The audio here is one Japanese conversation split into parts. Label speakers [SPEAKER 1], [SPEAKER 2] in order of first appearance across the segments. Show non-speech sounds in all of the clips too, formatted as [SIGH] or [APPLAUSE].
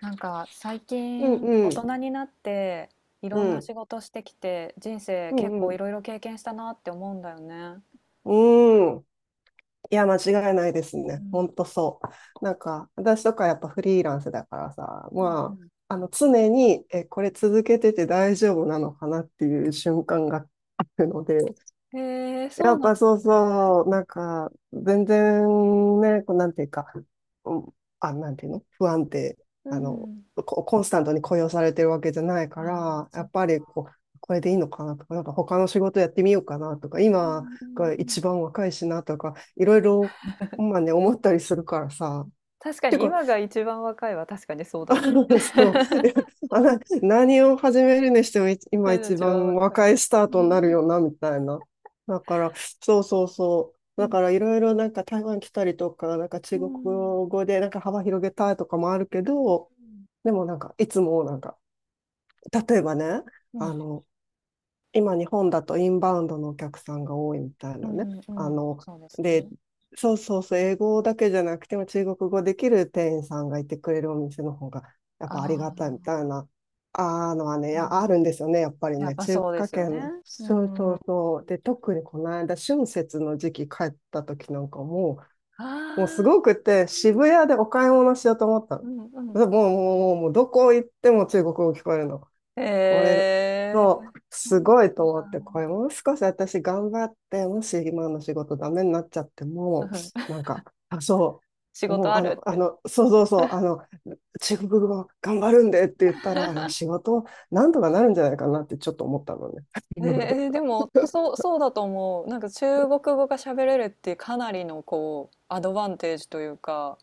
[SPEAKER 1] なんか最
[SPEAKER 2] うん
[SPEAKER 1] 近
[SPEAKER 2] う
[SPEAKER 1] 大
[SPEAKER 2] ん。
[SPEAKER 1] 人になってい
[SPEAKER 2] う
[SPEAKER 1] ろんな
[SPEAKER 2] ん。
[SPEAKER 1] 仕事してきて人生
[SPEAKER 2] う
[SPEAKER 1] 結
[SPEAKER 2] んう
[SPEAKER 1] 構い
[SPEAKER 2] ん。
[SPEAKER 1] ろいろ経験したなって思うんだよね。
[SPEAKER 2] うん。いや、間違いないです
[SPEAKER 1] う
[SPEAKER 2] ね。ほ
[SPEAKER 1] ん、
[SPEAKER 2] んとそう。なんか、私とかやっぱフリーランスだからさ、
[SPEAKER 1] うんう
[SPEAKER 2] ま
[SPEAKER 1] ん。
[SPEAKER 2] あ、あの、常に、これ続けてて大丈夫なのかなっていう瞬間があるので、
[SPEAKER 1] へえ、
[SPEAKER 2] や
[SPEAKER 1] そう
[SPEAKER 2] っ
[SPEAKER 1] なん
[SPEAKER 2] ぱ
[SPEAKER 1] です
[SPEAKER 2] そう
[SPEAKER 1] ね。
[SPEAKER 2] そう、なんか、全然ね、こうなんていうか、うん。あ、なんていうの、不安定、
[SPEAKER 1] う
[SPEAKER 2] あの、
[SPEAKER 1] ん。
[SPEAKER 2] コンスタントに雇用されてるわけじゃない
[SPEAKER 1] あ
[SPEAKER 2] か
[SPEAKER 1] あ、
[SPEAKER 2] ら、や
[SPEAKER 1] そっ
[SPEAKER 2] っぱ
[SPEAKER 1] か。
[SPEAKER 2] りこう、これでいいのかなとか、なんか他の仕事やってみようかなとか、
[SPEAKER 1] う
[SPEAKER 2] 今
[SPEAKER 1] んうん
[SPEAKER 2] が
[SPEAKER 1] うん。
[SPEAKER 2] 一番若いしなとか、いろいろ、まあね、思ったりするからさ。
[SPEAKER 1] 確か
[SPEAKER 2] ていう
[SPEAKER 1] に
[SPEAKER 2] か、
[SPEAKER 1] 今が一番若いは確かにそうだね。
[SPEAKER 2] [LAUGHS]
[SPEAKER 1] [LAUGHS]
[SPEAKER 2] そう。[LAUGHS] いやあな何を始めるにしても、今
[SPEAKER 1] 私が
[SPEAKER 2] 一
[SPEAKER 1] 一番
[SPEAKER 2] 番
[SPEAKER 1] 若
[SPEAKER 2] 若
[SPEAKER 1] い。
[SPEAKER 2] いスター
[SPEAKER 1] う
[SPEAKER 2] トになる
[SPEAKER 1] ん。
[SPEAKER 2] よな、みたいな。だから、そうそうそう。
[SPEAKER 1] う
[SPEAKER 2] だ
[SPEAKER 1] ん
[SPEAKER 2] から
[SPEAKER 1] う
[SPEAKER 2] い
[SPEAKER 1] ん。
[SPEAKER 2] ろいろ、なんか台湾来たりとか、なんか
[SPEAKER 1] う
[SPEAKER 2] 中国
[SPEAKER 1] ん。
[SPEAKER 2] 語でなんか幅広げたいとかもあるけど、でもなんかいつもなんか、例えばね、
[SPEAKER 1] う
[SPEAKER 2] あ
[SPEAKER 1] ん。
[SPEAKER 2] の、今日本だとインバウンドのお客さんが多いみたい
[SPEAKER 1] う
[SPEAKER 2] なね。
[SPEAKER 1] ん、うん、
[SPEAKER 2] あ
[SPEAKER 1] うん、
[SPEAKER 2] の、
[SPEAKER 1] そうです
[SPEAKER 2] で、
[SPEAKER 1] ね。
[SPEAKER 2] そうそうそう、英語だけじゃなくても中国語できる店員さんがいてくれるお店の方がやっ
[SPEAKER 1] あ
[SPEAKER 2] ぱありがたいみた
[SPEAKER 1] あ、
[SPEAKER 2] いな、あーのはね、
[SPEAKER 1] う
[SPEAKER 2] やあ
[SPEAKER 1] ん。
[SPEAKER 2] るんですよね、やっぱり
[SPEAKER 1] やっ
[SPEAKER 2] ね、
[SPEAKER 1] ぱ
[SPEAKER 2] 中
[SPEAKER 1] そうで
[SPEAKER 2] 華
[SPEAKER 1] すよね。
[SPEAKER 2] 圏、
[SPEAKER 1] う
[SPEAKER 2] そうそ
[SPEAKER 1] ん。
[SPEAKER 2] うそう。で、特にこの間、春節の時期帰った時なんかも
[SPEAKER 1] あ
[SPEAKER 2] う、もうすご
[SPEAKER 1] あ、
[SPEAKER 2] くて、渋谷でお買い物しようと思った
[SPEAKER 1] う
[SPEAKER 2] の。
[SPEAKER 1] んうん。
[SPEAKER 2] でもう、もうどこ行っても中国語聞こえるの。
[SPEAKER 1] へ
[SPEAKER 2] これ、
[SPEAKER 1] え。
[SPEAKER 2] そう、
[SPEAKER 1] そう
[SPEAKER 2] すご
[SPEAKER 1] な
[SPEAKER 2] いと
[SPEAKER 1] ん
[SPEAKER 2] 思って、こ
[SPEAKER 1] だ。
[SPEAKER 2] れもう少し私頑張って、もし今の仕事ダメになっちゃって
[SPEAKER 1] [LAUGHS] う
[SPEAKER 2] も、
[SPEAKER 1] ん、
[SPEAKER 2] なんか、あ、そ
[SPEAKER 1] 仕
[SPEAKER 2] う、
[SPEAKER 1] 事
[SPEAKER 2] もう
[SPEAKER 1] あ
[SPEAKER 2] あ
[SPEAKER 1] る
[SPEAKER 2] の、
[SPEAKER 1] って。
[SPEAKER 2] そうそうそう、あの、中国語頑張るんでって言ったら、あの、仕事なんとかなるんじゃないかなってちょっと思ったのね。
[SPEAKER 1] えーえ、でも、そう、そうだと思う。なんか中国語が喋れるってかなりのこう、アドバンテージというか、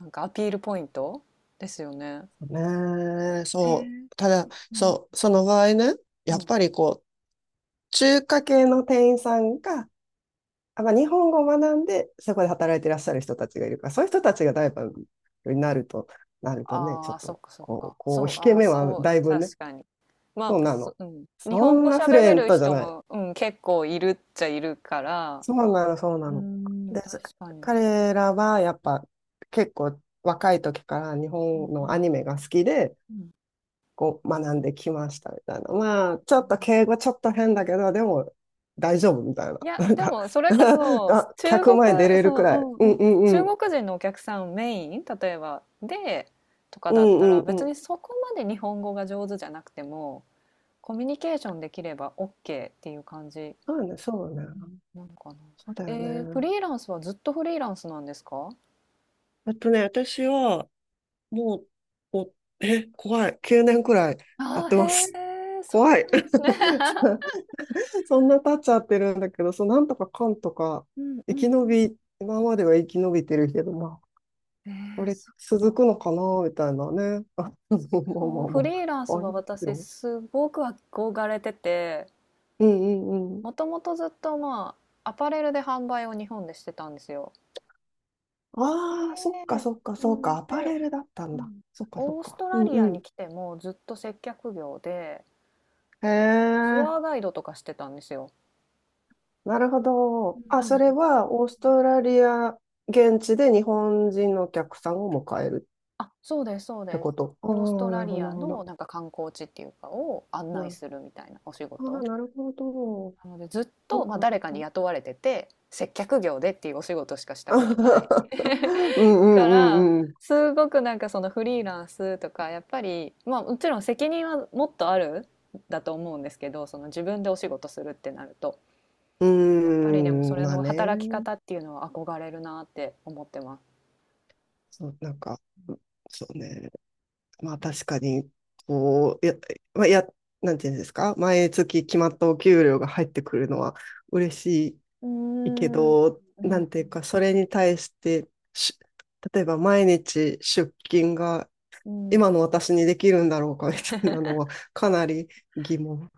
[SPEAKER 1] なんかアピールポイントですよね。
[SPEAKER 2] [LAUGHS] ねえ、
[SPEAKER 1] え
[SPEAKER 2] そ
[SPEAKER 1] ー、
[SPEAKER 2] う。ただ、
[SPEAKER 1] うん、
[SPEAKER 2] そう、その場合ね、
[SPEAKER 1] う
[SPEAKER 2] やっ
[SPEAKER 1] ん。
[SPEAKER 2] ぱりこう、中華系の店員さんが、あ、まあ、日本語を学んで、そこで働いていらっしゃる人たちがいるから、そういう人たちがライバルになると、なるとね、ち
[SPEAKER 1] あ
[SPEAKER 2] ょっ
[SPEAKER 1] あ、そ
[SPEAKER 2] と、
[SPEAKER 1] っかそっ
[SPEAKER 2] こう、
[SPEAKER 1] か。
[SPEAKER 2] こ
[SPEAKER 1] そ
[SPEAKER 2] う、
[SPEAKER 1] う、
[SPEAKER 2] 引け
[SPEAKER 1] ああ、
[SPEAKER 2] 目は
[SPEAKER 1] そう、う
[SPEAKER 2] だ
[SPEAKER 1] ん、
[SPEAKER 2] いぶね、
[SPEAKER 1] 確かに。ま
[SPEAKER 2] そう
[SPEAKER 1] あ、
[SPEAKER 2] なの。
[SPEAKER 1] うん。日
[SPEAKER 2] そ
[SPEAKER 1] 本
[SPEAKER 2] ん
[SPEAKER 1] 語
[SPEAKER 2] なフル
[SPEAKER 1] 喋
[SPEAKER 2] エ
[SPEAKER 1] れ
[SPEAKER 2] ン
[SPEAKER 1] る
[SPEAKER 2] トじゃ
[SPEAKER 1] 人
[SPEAKER 2] ない。
[SPEAKER 1] も、うん、結構いるっちゃいるから、
[SPEAKER 2] そうなの、そうな
[SPEAKER 1] う
[SPEAKER 2] の。
[SPEAKER 1] ん、
[SPEAKER 2] で、
[SPEAKER 1] 確かに。
[SPEAKER 2] 彼らはやっぱ結構若い時から日本
[SPEAKER 1] うんう
[SPEAKER 2] のア
[SPEAKER 1] ん、
[SPEAKER 2] ニメが好きで、
[SPEAKER 1] うん。
[SPEAKER 2] こう学んできましたみたいな。まあ、ちょっと敬語ちょっと変だけど、でも大丈夫みたいな。
[SPEAKER 1] いや、
[SPEAKER 2] なん
[SPEAKER 1] で
[SPEAKER 2] か、
[SPEAKER 1] もそれこ
[SPEAKER 2] [LAUGHS]
[SPEAKER 1] そ、
[SPEAKER 2] あ、
[SPEAKER 1] 中
[SPEAKER 2] 客
[SPEAKER 1] 国
[SPEAKER 2] 前出れ
[SPEAKER 1] そ
[SPEAKER 2] るく
[SPEAKER 1] の
[SPEAKER 2] らい。
[SPEAKER 1] う
[SPEAKER 2] う
[SPEAKER 1] ん
[SPEAKER 2] ん
[SPEAKER 1] うん、
[SPEAKER 2] う
[SPEAKER 1] 中
[SPEAKER 2] ん
[SPEAKER 1] 国人のお客さんメイン、例えば、で、とか
[SPEAKER 2] う
[SPEAKER 1] だっ
[SPEAKER 2] んう
[SPEAKER 1] たら、
[SPEAKER 2] んう
[SPEAKER 1] 別
[SPEAKER 2] ん。
[SPEAKER 1] にそこまで日本語が上手じゃなくても、コミュニケーションできればオッケーっていう感じ
[SPEAKER 2] そうね、そうね。
[SPEAKER 1] なのかな。
[SPEAKER 2] そうだよ
[SPEAKER 1] フ
[SPEAKER 2] ね。
[SPEAKER 1] リーランスはずっとフリーランスなんですか？
[SPEAKER 2] あとね、私は、もう、お、え、怖い。9年くらいや
[SPEAKER 1] あ
[SPEAKER 2] っ
[SPEAKER 1] あ
[SPEAKER 2] て
[SPEAKER 1] ー、
[SPEAKER 2] ます。
[SPEAKER 1] へえ、そ
[SPEAKER 2] 怖
[SPEAKER 1] う
[SPEAKER 2] い。
[SPEAKER 1] なんですね。
[SPEAKER 2] [LAUGHS] そんな経っちゃってるんだけど、そう、なんとかかんとか、
[SPEAKER 1] うんう
[SPEAKER 2] 生
[SPEAKER 1] ん
[SPEAKER 2] き
[SPEAKER 1] う
[SPEAKER 2] 延
[SPEAKER 1] ん。
[SPEAKER 2] び、今までは生き延びてるけど、まあ、
[SPEAKER 1] え
[SPEAKER 2] こ
[SPEAKER 1] ー
[SPEAKER 2] れ
[SPEAKER 1] そっ
[SPEAKER 2] 続く
[SPEAKER 1] か。
[SPEAKER 2] のかな、みたいなね。[LAUGHS] あ、まあま
[SPEAKER 1] そう、
[SPEAKER 2] あ
[SPEAKER 1] フ
[SPEAKER 2] ま
[SPEAKER 1] リーランス
[SPEAKER 2] あ、あり
[SPEAKER 1] は
[SPEAKER 2] ます
[SPEAKER 1] 私
[SPEAKER 2] よ。
[SPEAKER 1] すごく憧れてて、
[SPEAKER 2] うんうんうん。
[SPEAKER 1] もともとずっと、まあ、アパレルで販売を日本でしてたんですよ。え
[SPEAKER 2] ああ、そっか
[SPEAKER 1] え、
[SPEAKER 2] そっか
[SPEAKER 1] う
[SPEAKER 2] そっ
[SPEAKER 1] ん、
[SPEAKER 2] か、アパ
[SPEAKER 1] で、
[SPEAKER 2] レルだった
[SPEAKER 1] う
[SPEAKER 2] んだ。
[SPEAKER 1] ん、
[SPEAKER 2] そっかそっ
[SPEAKER 1] オース
[SPEAKER 2] か。
[SPEAKER 1] ト
[SPEAKER 2] う
[SPEAKER 1] ラ
[SPEAKER 2] ん
[SPEAKER 1] リ
[SPEAKER 2] う
[SPEAKER 1] アに
[SPEAKER 2] ん。
[SPEAKER 1] 来てもずっと接客業で
[SPEAKER 2] へ
[SPEAKER 1] ツ
[SPEAKER 2] え。
[SPEAKER 1] アーガイドとかしてたんですよ。
[SPEAKER 2] なるほ
[SPEAKER 1] う
[SPEAKER 2] ど。
[SPEAKER 1] ん、
[SPEAKER 2] あ、
[SPEAKER 1] な
[SPEAKER 2] そ
[SPEAKER 1] の
[SPEAKER 2] れ
[SPEAKER 1] で、
[SPEAKER 2] はオーストラリア現地で日本人のお客さんを迎える
[SPEAKER 1] あ、そうです、そう
[SPEAKER 2] って
[SPEAKER 1] です。
[SPEAKER 2] こと。あ
[SPEAKER 1] オースト
[SPEAKER 2] あ、な
[SPEAKER 1] ラ
[SPEAKER 2] るほ
[SPEAKER 1] リ
[SPEAKER 2] ど、な
[SPEAKER 1] ア
[SPEAKER 2] るほ
[SPEAKER 1] の
[SPEAKER 2] ど。
[SPEAKER 1] なんか観光地っていうかを案内
[SPEAKER 2] な、
[SPEAKER 1] するみたいなお仕
[SPEAKER 2] あ
[SPEAKER 1] 事。うん、
[SPEAKER 2] ーなるほど。
[SPEAKER 1] なのでずっ
[SPEAKER 2] そ
[SPEAKER 1] と、
[SPEAKER 2] っ
[SPEAKER 1] まあ、
[SPEAKER 2] か、そ
[SPEAKER 1] 誰
[SPEAKER 2] っ
[SPEAKER 1] かに
[SPEAKER 2] か。
[SPEAKER 1] 雇われてて接客業でっていうお仕事しかしたことない
[SPEAKER 2] [LAUGHS] うんう
[SPEAKER 1] か
[SPEAKER 2] んう
[SPEAKER 1] ら
[SPEAKER 2] んうん。
[SPEAKER 1] すごくなんかそのフリーランスとかやっぱり、まあ、もちろん責任はもっとあるんだと思うんですけど、その自分でお仕事するってなると、
[SPEAKER 2] うー
[SPEAKER 1] やっぱりでもそ
[SPEAKER 2] ん、
[SPEAKER 1] れ
[SPEAKER 2] まあ
[SPEAKER 1] の働き
[SPEAKER 2] ね。
[SPEAKER 1] 方っていうのは憧れるなって思ってます。
[SPEAKER 2] そう、なんか、そうね。まあ確かに、こう、や、まあ、や、なんていうんですか、毎月決まったお給料が入ってくるのは嬉し
[SPEAKER 1] うー
[SPEAKER 2] いいけ
[SPEAKER 1] ん、
[SPEAKER 2] ど、
[SPEAKER 1] う
[SPEAKER 2] な
[SPEAKER 1] ん、
[SPEAKER 2] んていうか、それに対してし、例えば毎日出勤が
[SPEAKER 1] うん、
[SPEAKER 2] 今の私にできるんだろうかみたいなのはかなり疑問。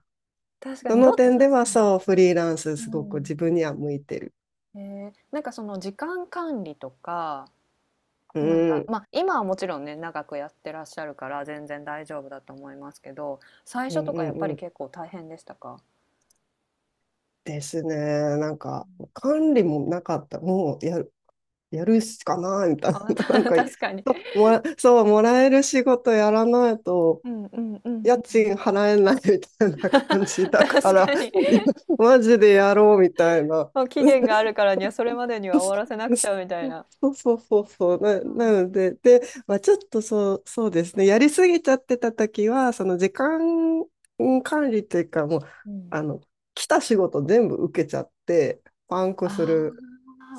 [SPEAKER 1] 確か
[SPEAKER 2] そ
[SPEAKER 1] に、
[SPEAKER 2] の
[SPEAKER 1] ど確
[SPEAKER 2] 点では
[SPEAKER 1] かに。
[SPEAKER 2] そう、フリーランス
[SPEAKER 1] う
[SPEAKER 2] すごく自
[SPEAKER 1] ん、
[SPEAKER 2] 分には向いてる。
[SPEAKER 1] えー、なんかその時間管理とか、
[SPEAKER 2] う
[SPEAKER 1] なん
[SPEAKER 2] ん、う
[SPEAKER 1] か、
[SPEAKER 2] ん、
[SPEAKER 1] まあ、今はもちろんね、長くやってらっしゃるから全然大丈夫だと思いますけど、最
[SPEAKER 2] う
[SPEAKER 1] 初とかや
[SPEAKER 2] ん、
[SPEAKER 1] っぱ
[SPEAKER 2] う
[SPEAKER 1] り
[SPEAKER 2] ん。
[SPEAKER 1] 結構大変でしたか？
[SPEAKER 2] ですね。なんか、管理もなかった。もうやる、やるしかないみたいな。
[SPEAKER 1] あ、
[SPEAKER 2] [LAUGHS] なん
[SPEAKER 1] [LAUGHS]
[SPEAKER 2] か、[LAUGHS]
[SPEAKER 1] 確かに。
[SPEAKER 2] そう、もらえる仕事やらないと、
[SPEAKER 1] うんうんうん
[SPEAKER 2] 家
[SPEAKER 1] うん。
[SPEAKER 2] 賃払えないみたいな
[SPEAKER 1] [LAUGHS]
[SPEAKER 2] 感じだか
[SPEAKER 1] 確
[SPEAKER 2] ら、
[SPEAKER 1] かに。
[SPEAKER 2] いやマジでやろうみたいな。
[SPEAKER 1] もう期限があるからには、それまでには終わらせなくちゃみたいな。
[SPEAKER 2] そうそうそうそ
[SPEAKER 1] そっ
[SPEAKER 2] う。な
[SPEAKER 1] か。
[SPEAKER 2] ので、で、まあ、ちょっとそう、そうですね。やりすぎちゃってた時は、その時間管理というか、もう、
[SPEAKER 1] うん。
[SPEAKER 2] あの、来た仕事全部受けちゃって、パンクす
[SPEAKER 1] あ
[SPEAKER 2] る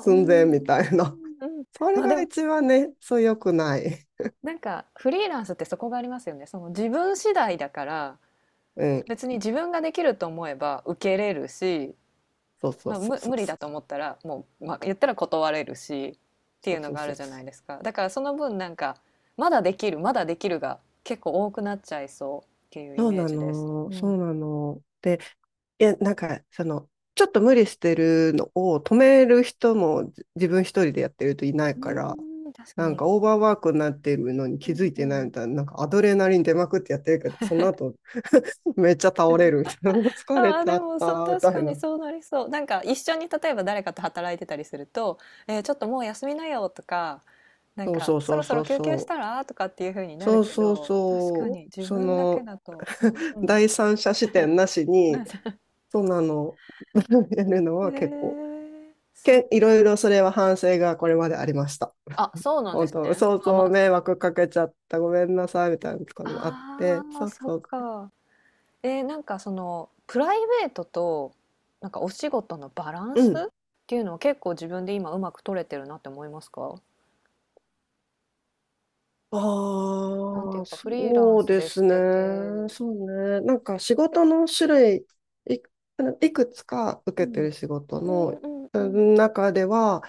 [SPEAKER 1] あ、うんう
[SPEAKER 2] 前
[SPEAKER 1] ん
[SPEAKER 2] みたいな。
[SPEAKER 1] うん。
[SPEAKER 2] それ
[SPEAKER 1] ま、で
[SPEAKER 2] が
[SPEAKER 1] も、
[SPEAKER 2] 一番ね、そう良くない。
[SPEAKER 1] なんかフリーランスってそこがありますよね。その自分次第だから、
[SPEAKER 2] うん。
[SPEAKER 1] 別に自分ができると思えば受けれるし、
[SPEAKER 2] そうそ
[SPEAKER 1] ま
[SPEAKER 2] う
[SPEAKER 1] あ、
[SPEAKER 2] そう
[SPEAKER 1] む
[SPEAKER 2] そ
[SPEAKER 1] 無
[SPEAKER 2] う
[SPEAKER 1] 理だ
[SPEAKER 2] そ
[SPEAKER 1] と思
[SPEAKER 2] う。
[SPEAKER 1] ったらもう、まあ、言ったら断れるしってい
[SPEAKER 2] そ
[SPEAKER 1] う
[SPEAKER 2] う
[SPEAKER 1] の
[SPEAKER 2] そう
[SPEAKER 1] があ
[SPEAKER 2] そ
[SPEAKER 1] る
[SPEAKER 2] う
[SPEAKER 1] じゃ
[SPEAKER 2] そ
[SPEAKER 1] ない
[SPEAKER 2] う。
[SPEAKER 1] ですか。だからその分なんかまだできるまだできるが結構多くなっちゃいそうっていうイ
[SPEAKER 2] そう
[SPEAKER 1] メー
[SPEAKER 2] な
[SPEAKER 1] ジです。う
[SPEAKER 2] の、そ
[SPEAKER 1] ん、う
[SPEAKER 2] うなの。で、いや、なんか、その、ちょっと無理してるのを止める人も自分一人でやってるといないから、
[SPEAKER 1] ーん、確か
[SPEAKER 2] なんか
[SPEAKER 1] に。
[SPEAKER 2] オーバーワークになってるのに
[SPEAKER 1] う
[SPEAKER 2] 気づ
[SPEAKER 1] ん
[SPEAKER 2] いて
[SPEAKER 1] う
[SPEAKER 2] ない
[SPEAKER 1] ん、
[SPEAKER 2] みたいな、なんかアドレナリン出まくってやってるけど、その後 [LAUGHS] めっちゃ倒れるみたいな、もう
[SPEAKER 1] あ
[SPEAKER 2] 疲れ
[SPEAKER 1] あ
[SPEAKER 2] ち
[SPEAKER 1] で
[SPEAKER 2] ゃっ
[SPEAKER 1] もそう、
[SPEAKER 2] たみ
[SPEAKER 1] 確
[SPEAKER 2] た
[SPEAKER 1] か
[SPEAKER 2] い
[SPEAKER 1] に
[SPEAKER 2] な。
[SPEAKER 1] そうなりそう。なんか一緒に例えば誰かと働いてたりすると「えーちょっともう休みなよ」とか「なん
[SPEAKER 2] そう
[SPEAKER 1] か
[SPEAKER 2] そう
[SPEAKER 1] そ
[SPEAKER 2] そ
[SPEAKER 1] ろ
[SPEAKER 2] う
[SPEAKER 1] そ
[SPEAKER 2] そ
[SPEAKER 1] ろ
[SPEAKER 2] う
[SPEAKER 1] 休憩し
[SPEAKER 2] そ
[SPEAKER 1] た
[SPEAKER 2] う。
[SPEAKER 1] ら？」とかっていう風にな
[SPEAKER 2] そ
[SPEAKER 1] る
[SPEAKER 2] う
[SPEAKER 1] け
[SPEAKER 2] そう
[SPEAKER 1] ど、確か
[SPEAKER 2] そう。
[SPEAKER 1] に自
[SPEAKER 2] そ
[SPEAKER 1] 分だけ
[SPEAKER 2] の
[SPEAKER 1] だと、うんう
[SPEAKER 2] [LAUGHS]
[SPEAKER 1] ん、
[SPEAKER 2] 第三者視点なし
[SPEAKER 1] な
[SPEAKER 2] に、
[SPEAKER 1] んか、
[SPEAKER 2] そうなの、[LAUGHS] やるの
[SPEAKER 1] へ
[SPEAKER 2] は結構。
[SPEAKER 1] え、そっ
[SPEAKER 2] いろい
[SPEAKER 1] か。
[SPEAKER 2] ろそれは反省がこれまでありました。
[SPEAKER 1] あ、そうなんで
[SPEAKER 2] 本
[SPEAKER 1] す
[SPEAKER 2] 当、
[SPEAKER 1] ね。
[SPEAKER 2] そう
[SPEAKER 1] まあま
[SPEAKER 2] そう、
[SPEAKER 1] あ、
[SPEAKER 2] 迷
[SPEAKER 1] そう。
[SPEAKER 2] 惑かけちゃった、ごめんなさい、みたいなのとかもあっ
[SPEAKER 1] あ
[SPEAKER 2] て、
[SPEAKER 1] あ、
[SPEAKER 2] そう
[SPEAKER 1] そっ
[SPEAKER 2] そう、
[SPEAKER 1] か。えー、なんかそのプライベートとなんかお仕事のバラン
[SPEAKER 2] う
[SPEAKER 1] ス
[SPEAKER 2] ん。
[SPEAKER 1] っていうのは結構自分で今うまく取れてるなって思いますか？なんてい
[SPEAKER 2] あ
[SPEAKER 1] う
[SPEAKER 2] あ、
[SPEAKER 1] かフリーラン
[SPEAKER 2] そう
[SPEAKER 1] ス
[SPEAKER 2] で
[SPEAKER 1] で
[SPEAKER 2] す
[SPEAKER 1] し
[SPEAKER 2] ね。
[SPEAKER 1] てて、
[SPEAKER 2] そうね。なんか仕事の種類、い、いくつか
[SPEAKER 1] う
[SPEAKER 2] 受けて
[SPEAKER 1] ん、
[SPEAKER 2] る仕事
[SPEAKER 1] うん
[SPEAKER 2] の
[SPEAKER 1] うんう
[SPEAKER 2] う
[SPEAKER 1] ん
[SPEAKER 2] ん中では、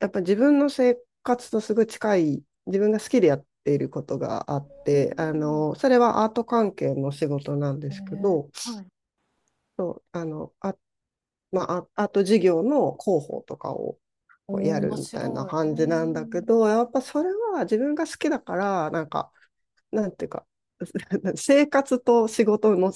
[SPEAKER 2] やっぱ自分の生活とすぐ近い、自分が好きでやっていることがあっ
[SPEAKER 1] う
[SPEAKER 2] て、あ
[SPEAKER 1] ん。
[SPEAKER 2] の、それはアート関係の仕事なんで
[SPEAKER 1] へ
[SPEAKER 2] すけ
[SPEAKER 1] え
[SPEAKER 2] ど、
[SPEAKER 1] ー、はい。
[SPEAKER 2] そう、あの、まあ、ああと授業の広報とかを
[SPEAKER 1] おお、
[SPEAKER 2] やる
[SPEAKER 1] 面
[SPEAKER 2] みたいな
[SPEAKER 1] 白い。う
[SPEAKER 2] 感じなんだけ
[SPEAKER 1] ん。
[SPEAKER 2] ど、やっぱそれは自分が好きだから、なんか、なんていうか、[LAUGHS] 生活と仕事の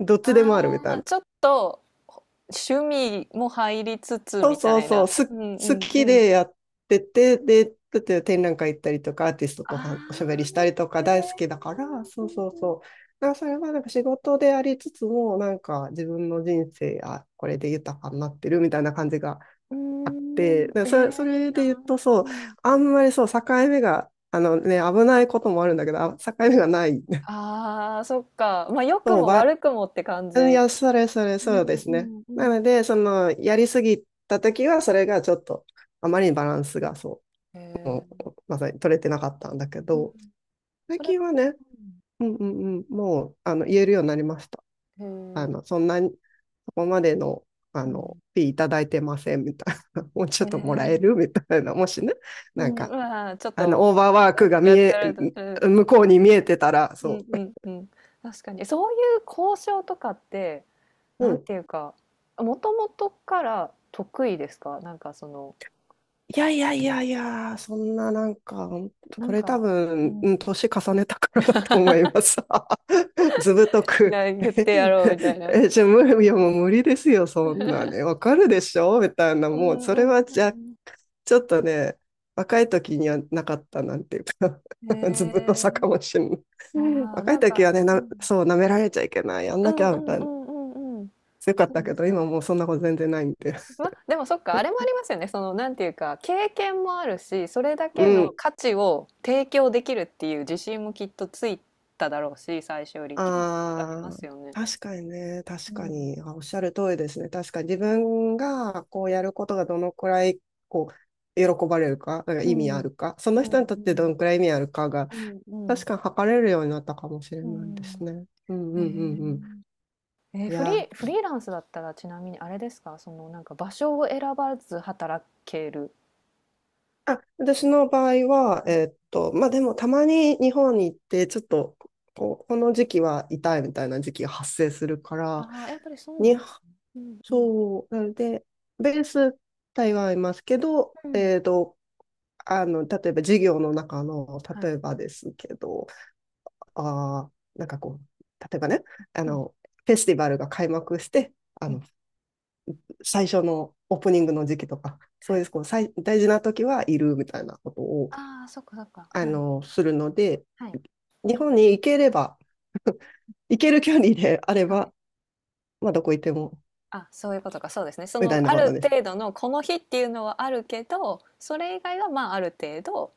[SPEAKER 2] どっちでもあるみ
[SPEAKER 1] あ
[SPEAKER 2] たい
[SPEAKER 1] あ、
[SPEAKER 2] な。
[SPEAKER 1] ちょっと、趣味も入りつつ
[SPEAKER 2] そう
[SPEAKER 1] み
[SPEAKER 2] そ
[SPEAKER 1] た
[SPEAKER 2] う
[SPEAKER 1] い
[SPEAKER 2] そう、
[SPEAKER 1] な。うんう
[SPEAKER 2] 好
[SPEAKER 1] んう
[SPEAKER 2] きで
[SPEAKER 1] ん。
[SPEAKER 2] やってて、で、だって展覧会行ったりとか、アーティスト
[SPEAKER 1] あ
[SPEAKER 2] とはおしゃべりしたりとか
[SPEAKER 1] あ、へえ。
[SPEAKER 2] 大好きだから、そ
[SPEAKER 1] う
[SPEAKER 2] うそう
[SPEAKER 1] ん
[SPEAKER 2] そう。だからそれはなんか仕事でありつつも、なんか自分の人生、あ、これで豊かになってるみたいな感じが
[SPEAKER 1] う
[SPEAKER 2] あ
[SPEAKER 1] ん。
[SPEAKER 2] っ
[SPEAKER 1] うー
[SPEAKER 2] て、
[SPEAKER 1] ん、
[SPEAKER 2] だから
[SPEAKER 1] え
[SPEAKER 2] それ、そ
[SPEAKER 1] え、いい
[SPEAKER 2] れで言う
[SPEAKER 1] な。
[SPEAKER 2] と、そ
[SPEAKER 1] う
[SPEAKER 2] う、
[SPEAKER 1] ん。
[SPEAKER 2] あんまりそう、境目が、あのね、危ないこともあるんだけど、あ境目がない。[LAUGHS]
[SPEAKER 1] ああ、そっか。まあ、良く
[SPEAKER 2] そう、
[SPEAKER 1] も
[SPEAKER 2] ば、
[SPEAKER 1] 悪くもって感じ。
[SPEAKER 2] い
[SPEAKER 1] う
[SPEAKER 2] や、それ、そうで
[SPEAKER 1] ん
[SPEAKER 2] す
[SPEAKER 1] う
[SPEAKER 2] ね。
[SPEAKER 1] んう
[SPEAKER 2] なの
[SPEAKER 1] ん。
[SPEAKER 2] で、その、やりすぎたときは、それがちょっと、あまりにバランスが、そ
[SPEAKER 1] へえ。
[SPEAKER 2] う、まさに取れてなかったんだけ
[SPEAKER 1] うん。
[SPEAKER 2] ど、最
[SPEAKER 1] それは
[SPEAKER 2] 近はね、うんうんうん、もう、あの、言えるようになりました。
[SPEAKER 1] うん。
[SPEAKER 2] あ
[SPEAKER 1] へ
[SPEAKER 2] の、
[SPEAKER 1] え。
[SPEAKER 2] そんなに、そこまでの、あ
[SPEAKER 1] う
[SPEAKER 2] の、
[SPEAKER 1] ん。
[SPEAKER 2] フィーいただいてません、みたいな。[LAUGHS] もうち
[SPEAKER 1] へ
[SPEAKER 2] ょっともら
[SPEAKER 1] え。
[SPEAKER 2] えるみたいな。[LAUGHS] もしね、
[SPEAKER 1] う
[SPEAKER 2] なん
[SPEAKER 1] ん、う
[SPEAKER 2] か、
[SPEAKER 1] わ、ちょっ
[SPEAKER 2] あの、
[SPEAKER 1] と、
[SPEAKER 2] オーバーワー
[SPEAKER 1] なん
[SPEAKER 2] ク
[SPEAKER 1] か
[SPEAKER 2] が
[SPEAKER 1] や
[SPEAKER 2] 見
[SPEAKER 1] った
[SPEAKER 2] え、
[SPEAKER 1] ら、うん、
[SPEAKER 2] 向こうに見えてたら、
[SPEAKER 1] うん
[SPEAKER 2] そ
[SPEAKER 1] うんうん。確かに。そういう交渉とかって、
[SPEAKER 2] う。う
[SPEAKER 1] なん
[SPEAKER 2] ん。
[SPEAKER 1] ていうか、もともとから得意ですか？なんかその、
[SPEAKER 2] いやいやいやいや、そんななんか、
[SPEAKER 1] な
[SPEAKER 2] こ
[SPEAKER 1] ん
[SPEAKER 2] れ多
[SPEAKER 1] か、う
[SPEAKER 2] 分、うん
[SPEAKER 1] ん。
[SPEAKER 2] 年重ねたからだと思います。[LAUGHS] ずぶとく
[SPEAKER 1] 言っ
[SPEAKER 2] [LAUGHS]
[SPEAKER 1] てやろうみたいな。
[SPEAKER 2] え、じゃあ無理、いやもう無理ですよ、そんなね。わかるでしょみたいな、
[SPEAKER 1] う
[SPEAKER 2] もう、
[SPEAKER 1] ん
[SPEAKER 2] それ
[SPEAKER 1] う
[SPEAKER 2] はじゃ、
[SPEAKER 1] ん
[SPEAKER 2] ちょっとね、若い時にはなかったなんていうか
[SPEAKER 1] うん。へ
[SPEAKER 2] [LAUGHS] ずぶとさ
[SPEAKER 1] え。
[SPEAKER 2] かもしれない。
[SPEAKER 1] ああ、
[SPEAKER 2] 若
[SPEAKER 1] な
[SPEAKER 2] い
[SPEAKER 1] ん
[SPEAKER 2] 時
[SPEAKER 1] か、
[SPEAKER 2] はね、
[SPEAKER 1] う
[SPEAKER 2] な、
[SPEAKER 1] ん。
[SPEAKER 2] そう、舐められちゃいけない、やん
[SPEAKER 1] う
[SPEAKER 2] なき
[SPEAKER 1] ん
[SPEAKER 2] ゃ、
[SPEAKER 1] う
[SPEAKER 2] み
[SPEAKER 1] ん
[SPEAKER 2] たい
[SPEAKER 1] う
[SPEAKER 2] な。
[SPEAKER 1] んうんうん。
[SPEAKER 2] 強かっ
[SPEAKER 1] そ
[SPEAKER 2] た
[SPEAKER 1] うで
[SPEAKER 2] け
[SPEAKER 1] す
[SPEAKER 2] ど、
[SPEAKER 1] よ
[SPEAKER 2] 今も
[SPEAKER 1] ね。
[SPEAKER 2] うそんなこと全然ないんで。[LAUGHS]
[SPEAKER 1] ま、でもそっか、あれもありますよね。その、なんていうか、経験もあるし、それだ
[SPEAKER 2] う
[SPEAKER 1] けの
[SPEAKER 2] ん。
[SPEAKER 1] 価値を提供できるっていう自信もきっとついただろうし、最初よりっていうのもきっとありま
[SPEAKER 2] あ
[SPEAKER 1] すよね。
[SPEAKER 2] あ、確かにね、確
[SPEAKER 1] う
[SPEAKER 2] か
[SPEAKER 1] ん、
[SPEAKER 2] に。あおっしゃる通りですね。確かに自分がこうやることがどのくらいこ喜ばれるか、なんか
[SPEAKER 1] う
[SPEAKER 2] 意味
[SPEAKER 1] ん、
[SPEAKER 2] あ
[SPEAKER 1] うん、
[SPEAKER 2] るか、その人にとってどのくらい意味あるかが、
[SPEAKER 1] うん、う
[SPEAKER 2] 確
[SPEAKER 1] ん、
[SPEAKER 2] かに測れるようになったかもしれ
[SPEAKER 1] う
[SPEAKER 2] ないです
[SPEAKER 1] ん。
[SPEAKER 2] ね。うん
[SPEAKER 1] え
[SPEAKER 2] うんうんうん。
[SPEAKER 1] ー、
[SPEAKER 2] いや、
[SPEAKER 1] フリーランスだったらちなみにあれですか、そのなんか場所を選ばず働ける。
[SPEAKER 2] あ、私の場合は、
[SPEAKER 1] はい。
[SPEAKER 2] まあでもたまに日本に行って、ちょっとこの時期は痛いみたいな時期が発生するから、
[SPEAKER 1] ああ、やっぱりそうな
[SPEAKER 2] に
[SPEAKER 1] んですね。うんうん
[SPEAKER 2] そう。なので、ベース台湾いますけど、
[SPEAKER 1] うん。
[SPEAKER 2] 例えば授業の中の、
[SPEAKER 1] は
[SPEAKER 2] 例
[SPEAKER 1] い。
[SPEAKER 2] えばですけど、あー、なんかこう、例えばね、あ
[SPEAKER 1] うん
[SPEAKER 2] の、フェスティバルが開幕して、あ
[SPEAKER 1] う
[SPEAKER 2] の、
[SPEAKER 1] ん。
[SPEAKER 2] 最初のオープニングの時期とか、そ
[SPEAKER 1] は
[SPEAKER 2] うい
[SPEAKER 1] い。
[SPEAKER 2] う、こう、最、大事な時はいるみたいなことを、
[SPEAKER 1] ああ、そっかそっか。はい。
[SPEAKER 2] するので、
[SPEAKER 1] はい。
[SPEAKER 2] 日本に行ければ、[LAUGHS] 行ける距離であれ
[SPEAKER 1] は
[SPEAKER 2] ば、
[SPEAKER 1] い。
[SPEAKER 2] まあ、どこ行っても、
[SPEAKER 1] あ、そういうことか、そうですね。そ
[SPEAKER 2] みた
[SPEAKER 1] の
[SPEAKER 2] いな
[SPEAKER 1] あ
[SPEAKER 2] こと
[SPEAKER 1] る
[SPEAKER 2] です。
[SPEAKER 1] 程度のこの日っていうのはあるけど、それ以外はまあある程度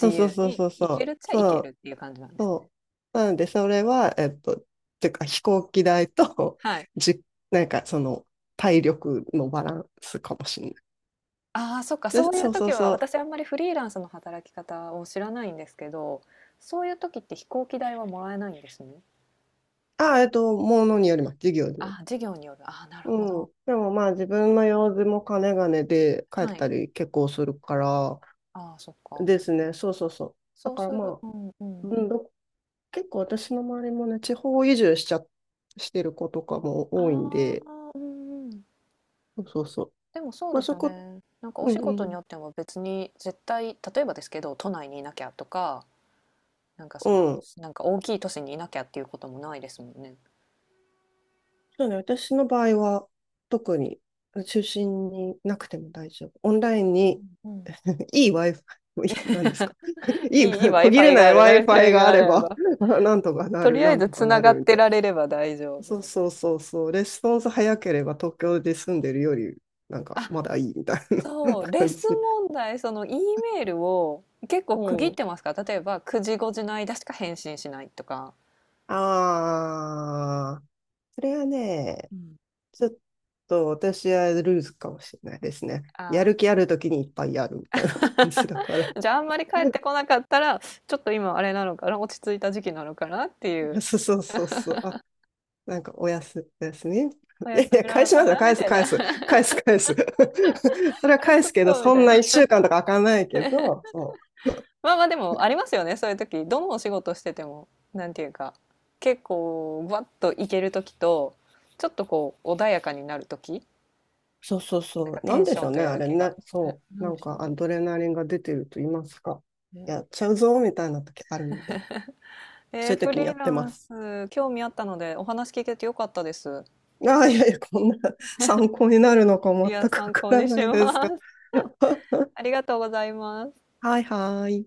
[SPEAKER 1] 自
[SPEAKER 2] うそう
[SPEAKER 1] 由
[SPEAKER 2] そう
[SPEAKER 1] に
[SPEAKER 2] そう
[SPEAKER 1] 行
[SPEAKER 2] そ
[SPEAKER 1] ける
[SPEAKER 2] う。
[SPEAKER 1] っちゃ行
[SPEAKER 2] そ
[SPEAKER 1] ける
[SPEAKER 2] う
[SPEAKER 1] っていう感じなんですね。
[SPEAKER 2] そう。なので、それは、てか飛行機代と、
[SPEAKER 1] はい。
[SPEAKER 2] [LAUGHS] じ、なんかその、体力のバランスかもしれない。
[SPEAKER 1] ああ、そっか、
[SPEAKER 2] で、
[SPEAKER 1] そういう
[SPEAKER 2] そうそ
[SPEAKER 1] 時
[SPEAKER 2] う
[SPEAKER 1] は
[SPEAKER 2] そう。
[SPEAKER 1] 私あんまりフリーランスの働き方を知らないんですけど、そういう時って飛行機代はもらえないんですね。
[SPEAKER 2] あ、ものによります。授業による。
[SPEAKER 1] ああ、事業による。ああ、なるほ
[SPEAKER 2] う
[SPEAKER 1] ど。
[SPEAKER 2] ん。でもまあ、自分の用事も金金で帰っ
[SPEAKER 1] はい。
[SPEAKER 2] たり結構するから、
[SPEAKER 1] ああ、そっか。
[SPEAKER 2] ですね。そうそうそう。だ
[SPEAKER 1] そう
[SPEAKER 2] か
[SPEAKER 1] す
[SPEAKER 2] ら
[SPEAKER 1] る。
[SPEAKER 2] まあ、
[SPEAKER 1] うんうん。
[SPEAKER 2] うんど結構私の周りもね、地方移住しちゃ、してる子とかも
[SPEAKER 1] あ
[SPEAKER 2] 多いんで、
[SPEAKER 1] あ、うんうん。
[SPEAKER 2] そうそうそう。
[SPEAKER 1] でもそう
[SPEAKER 2] まあ、
[SPEAKER 1] です
[SPEAKER 2] そ
[SPEAKER 1] よ
[SPEAKER 2] こ、
[SPEAKER 1] ね。なんかお
[SPEAKER 2] う
[SPEAKER 1] 仕
[SPEAKER 2] ん
[SPEAKER 1] 事
[SPEAKER 2] う
[SPEAKER 1] に
[SPEAKER 2] ん。
[SPEAKER 1] よっても別に絶対、例えばですけど、都内にいなきゃとか、なんか
[SPEAKER 2] う
[SPEAKER 1] その、
[SPEAKER 2] ん
[SPEAKER 1] なんか大きい都市にいなきゃっていうこともないですもんね。
[SPEAKER 2] そうね、私の場合は特に中心になくても大丈夫。オンラインに
[SPEAKER 1] うん。
[SPEAKER 2] いい Wi-Fi、[LAUGHS] いい何ですか [LAUGHS] いい、
[SPEAKER 1] いい、いい
[SPEAKER 2] [LAUGHS] 途切れ
[SPEAKER 1] Wi-Fi
[SPEAKER 2] な
[SPEAKER 1] が
[SPEAKER 2] い
[SPEAKER 1] ある、
[SPEAKER 2] Wi-Fi
[SPEAKER 1] Wi-Fi
[SPEAKER 2] が
[SPEAKER 1] が
[SPEAKER 2] あ
[SPEAKER 1] あ
[SPEAKER 2] れ
[SPEAKER 1] れ
[SPEAKER 2] ば、
[SPEAKER 1] ば。
[SPEAKER 2] [LAUGHS] なんとかな
[SPEAKER 1] と
[SPEAKER 2] る、
[SPEAKER 1] りあ
[SPEAKER 2] な
[SPEAKER 1] え
[SPEAKER 2] ん
[SPEAKER 1] ず
[SPEAKER 2] と
[SPEAKER 1] つ
[SPEAKER 2] か
[SPEAKER 1] な
[SPEAKER 2] な
[SPEAKER 1] が
[SPEAKER 2] る
[SPEAKER 1] っ
[SPEAKER 2] みた
[SPEAKER 1] て
[SPEAKER 2] いな。
[SPEAKER 1] られれば大丈夫
[SPEAKER 2] そう
[SPEAKER 1] みた
[SPEAKER 2] そ
[SPEAKER 1] い
[SPEAKER 2] う
[SPEAKER 1] な。
[SPEAKER 2] そうそう、レスポンス早ければ東京で住んでるより、なんかまだいいみたいな
[SPEAKER 1] そう、
[SPEAKER 2] [LAUGHS] 感じ。
[SPEAKER 1] 問題、その Eメールを結構
[SPEAKER 2] う
[SPEAKER 1] 区切っ
[SPEAKER 2] ん。
[SPEAKER 1] てますか？例えば9時5時の間しか返信しないとか。
[SPEAKER 2] ああ、それはね、
[SPEAKER 1] うん。
[SPEAKER 2] ちょっと私はルーズかもしれないですね。やる
[SPEAKER 1] あ
[SPEAKER 2] 気あるときにいっぱいやるみたいな感じだから。
[SPEAKER 1] あ、じゃああんまり帰ってこなかったら、ちょっと今あれなのかな、落ち着いた時期なのかなって
[SPEAKER 2] [LAUGHS]
[SPEAKER 1] い
[SPEAKER 2] あ
[SPEAKER 1] う。
[SPEAKER 2] そうそうそうそう。あ、なんかおやす、おやすみ。い
[SPEAKER 1] お
[SPEAKER 2] やい
[SPEAKER 1] 休
[SPEAKER 2] や、
[SPEAKER 1] みな
[SPEAKER 2] 返
[SPEAKER 1] の
[SPEAKER 2] し
[SPEAKER 1] か
[SPEAKER 2] ますよ。
[SPEAKER 1] なみ
[SPEAKER 2] 返す、
[SPEAKER 1] たい
[SPEAKER 2] 返
[SPEAKER 1] な。
[SPEAKER 2] す。
[SPEAKER 1] [LAUGHS]
[SPEAKER 2] 返す、返す。[LAUGHS] それは
[SPEAKER 1] あれ
[SPEAKER 2] 返
[SPEAKER 1] ちょ
[SPEAKER 2] す
[SPEAKER 1] っ
[SPEAKER 2] けど、
[SPEAKER 1] とみ
[SPEAKER 2] そ
[SPEAKER 1] た
[SPEAKER 2] ん
[SPEAKER 1] い
[SPEAKER 2] な
[SPEAKER 1] な。
[SPEAKER 2] 一週間とか開かないけど、そう。
[SPEAKER 1] [LAUGHS] まあまあでもありますよね。そういう時。どのお仕事してても、なんていうか、結構バッといける時と、ちょっとこう穏やかになる時。
[SPEAKER 2] そうそう
[SPEAKER 1] なん
[SPEAKER 2] そ
[SPEAKER 1] か
[SPEAKER 2] う。
[SPEAKER 1] テ
[SPEAKER 2] なん
[SPEAKER 1] ンシ
[SPEAKER 2] でし
[SPEAKER 1] ョ
[SPEAKER 2] ょ
[SPEAKER 1] ン
[SPEAKER 2] う
[SPEAKER 1] と
[SPEAKER 2] ね、
[SPEAKER 1] や
[SPEAKER 2] あ
[SPEAKER 1] る
[SPEAKER 2] れ
[SPEAKER 1] 気が。
[SPEAKER 2] ね。
[SPEAKER 1] ね、
[SPEAKER 2] そう。
[SPEAKER 1] な
[SPEAKER 2] な
[SPEAKER 1] んで
[SPEAKER 2] ん
[SPEAKER 1] しょう
[SPEAKER 2] かア
[SPEAKER 1] ね。
[SPEAKER 2] ドレナリンが出てると言いますか。
[SPEAKER 1] ね
[SPEAKER 2] やっちゃうぞ、みたいな時あるので、そういう
[SPEAKER 1] フ
[SPEAKER 2] 時
[SPEAKER 1] リ
[SPEAKER 2] にや
[SPEAKER 1] ー
[SPEAKER 2] って
[SPEAKER 1] ラ
[SPEAKER 2] ま
[SPEAKER 1] ン
[SPEAKER 2] す。
[SPEAKER 1] ス、興味あったのでお話聞けてよかったです。
[SPEAKER 2] ああ、いやいや、こんな参考になるのか
[SPEAKER 1] い
[SPEAKER 2] 全
[SPEAKER 1] や、
[SPEAKER 2] くわ
[SPEAKER 1] 参
[SPEAKER 2] か
[SPEAKER 1] 考
[SPEAKER 2] ら
[SPEAKER 1] にし
[SPEAKER 2] ないです
[SPEAKER 1] ま
[SPEAKER 2] が。
[SPEAKER 1] す。
[SPEAKER 2] [LAUGHS]
[SPEAKER 1] [LAUGHS] ありがとうございます。
[SPEAKER 2] はいはい。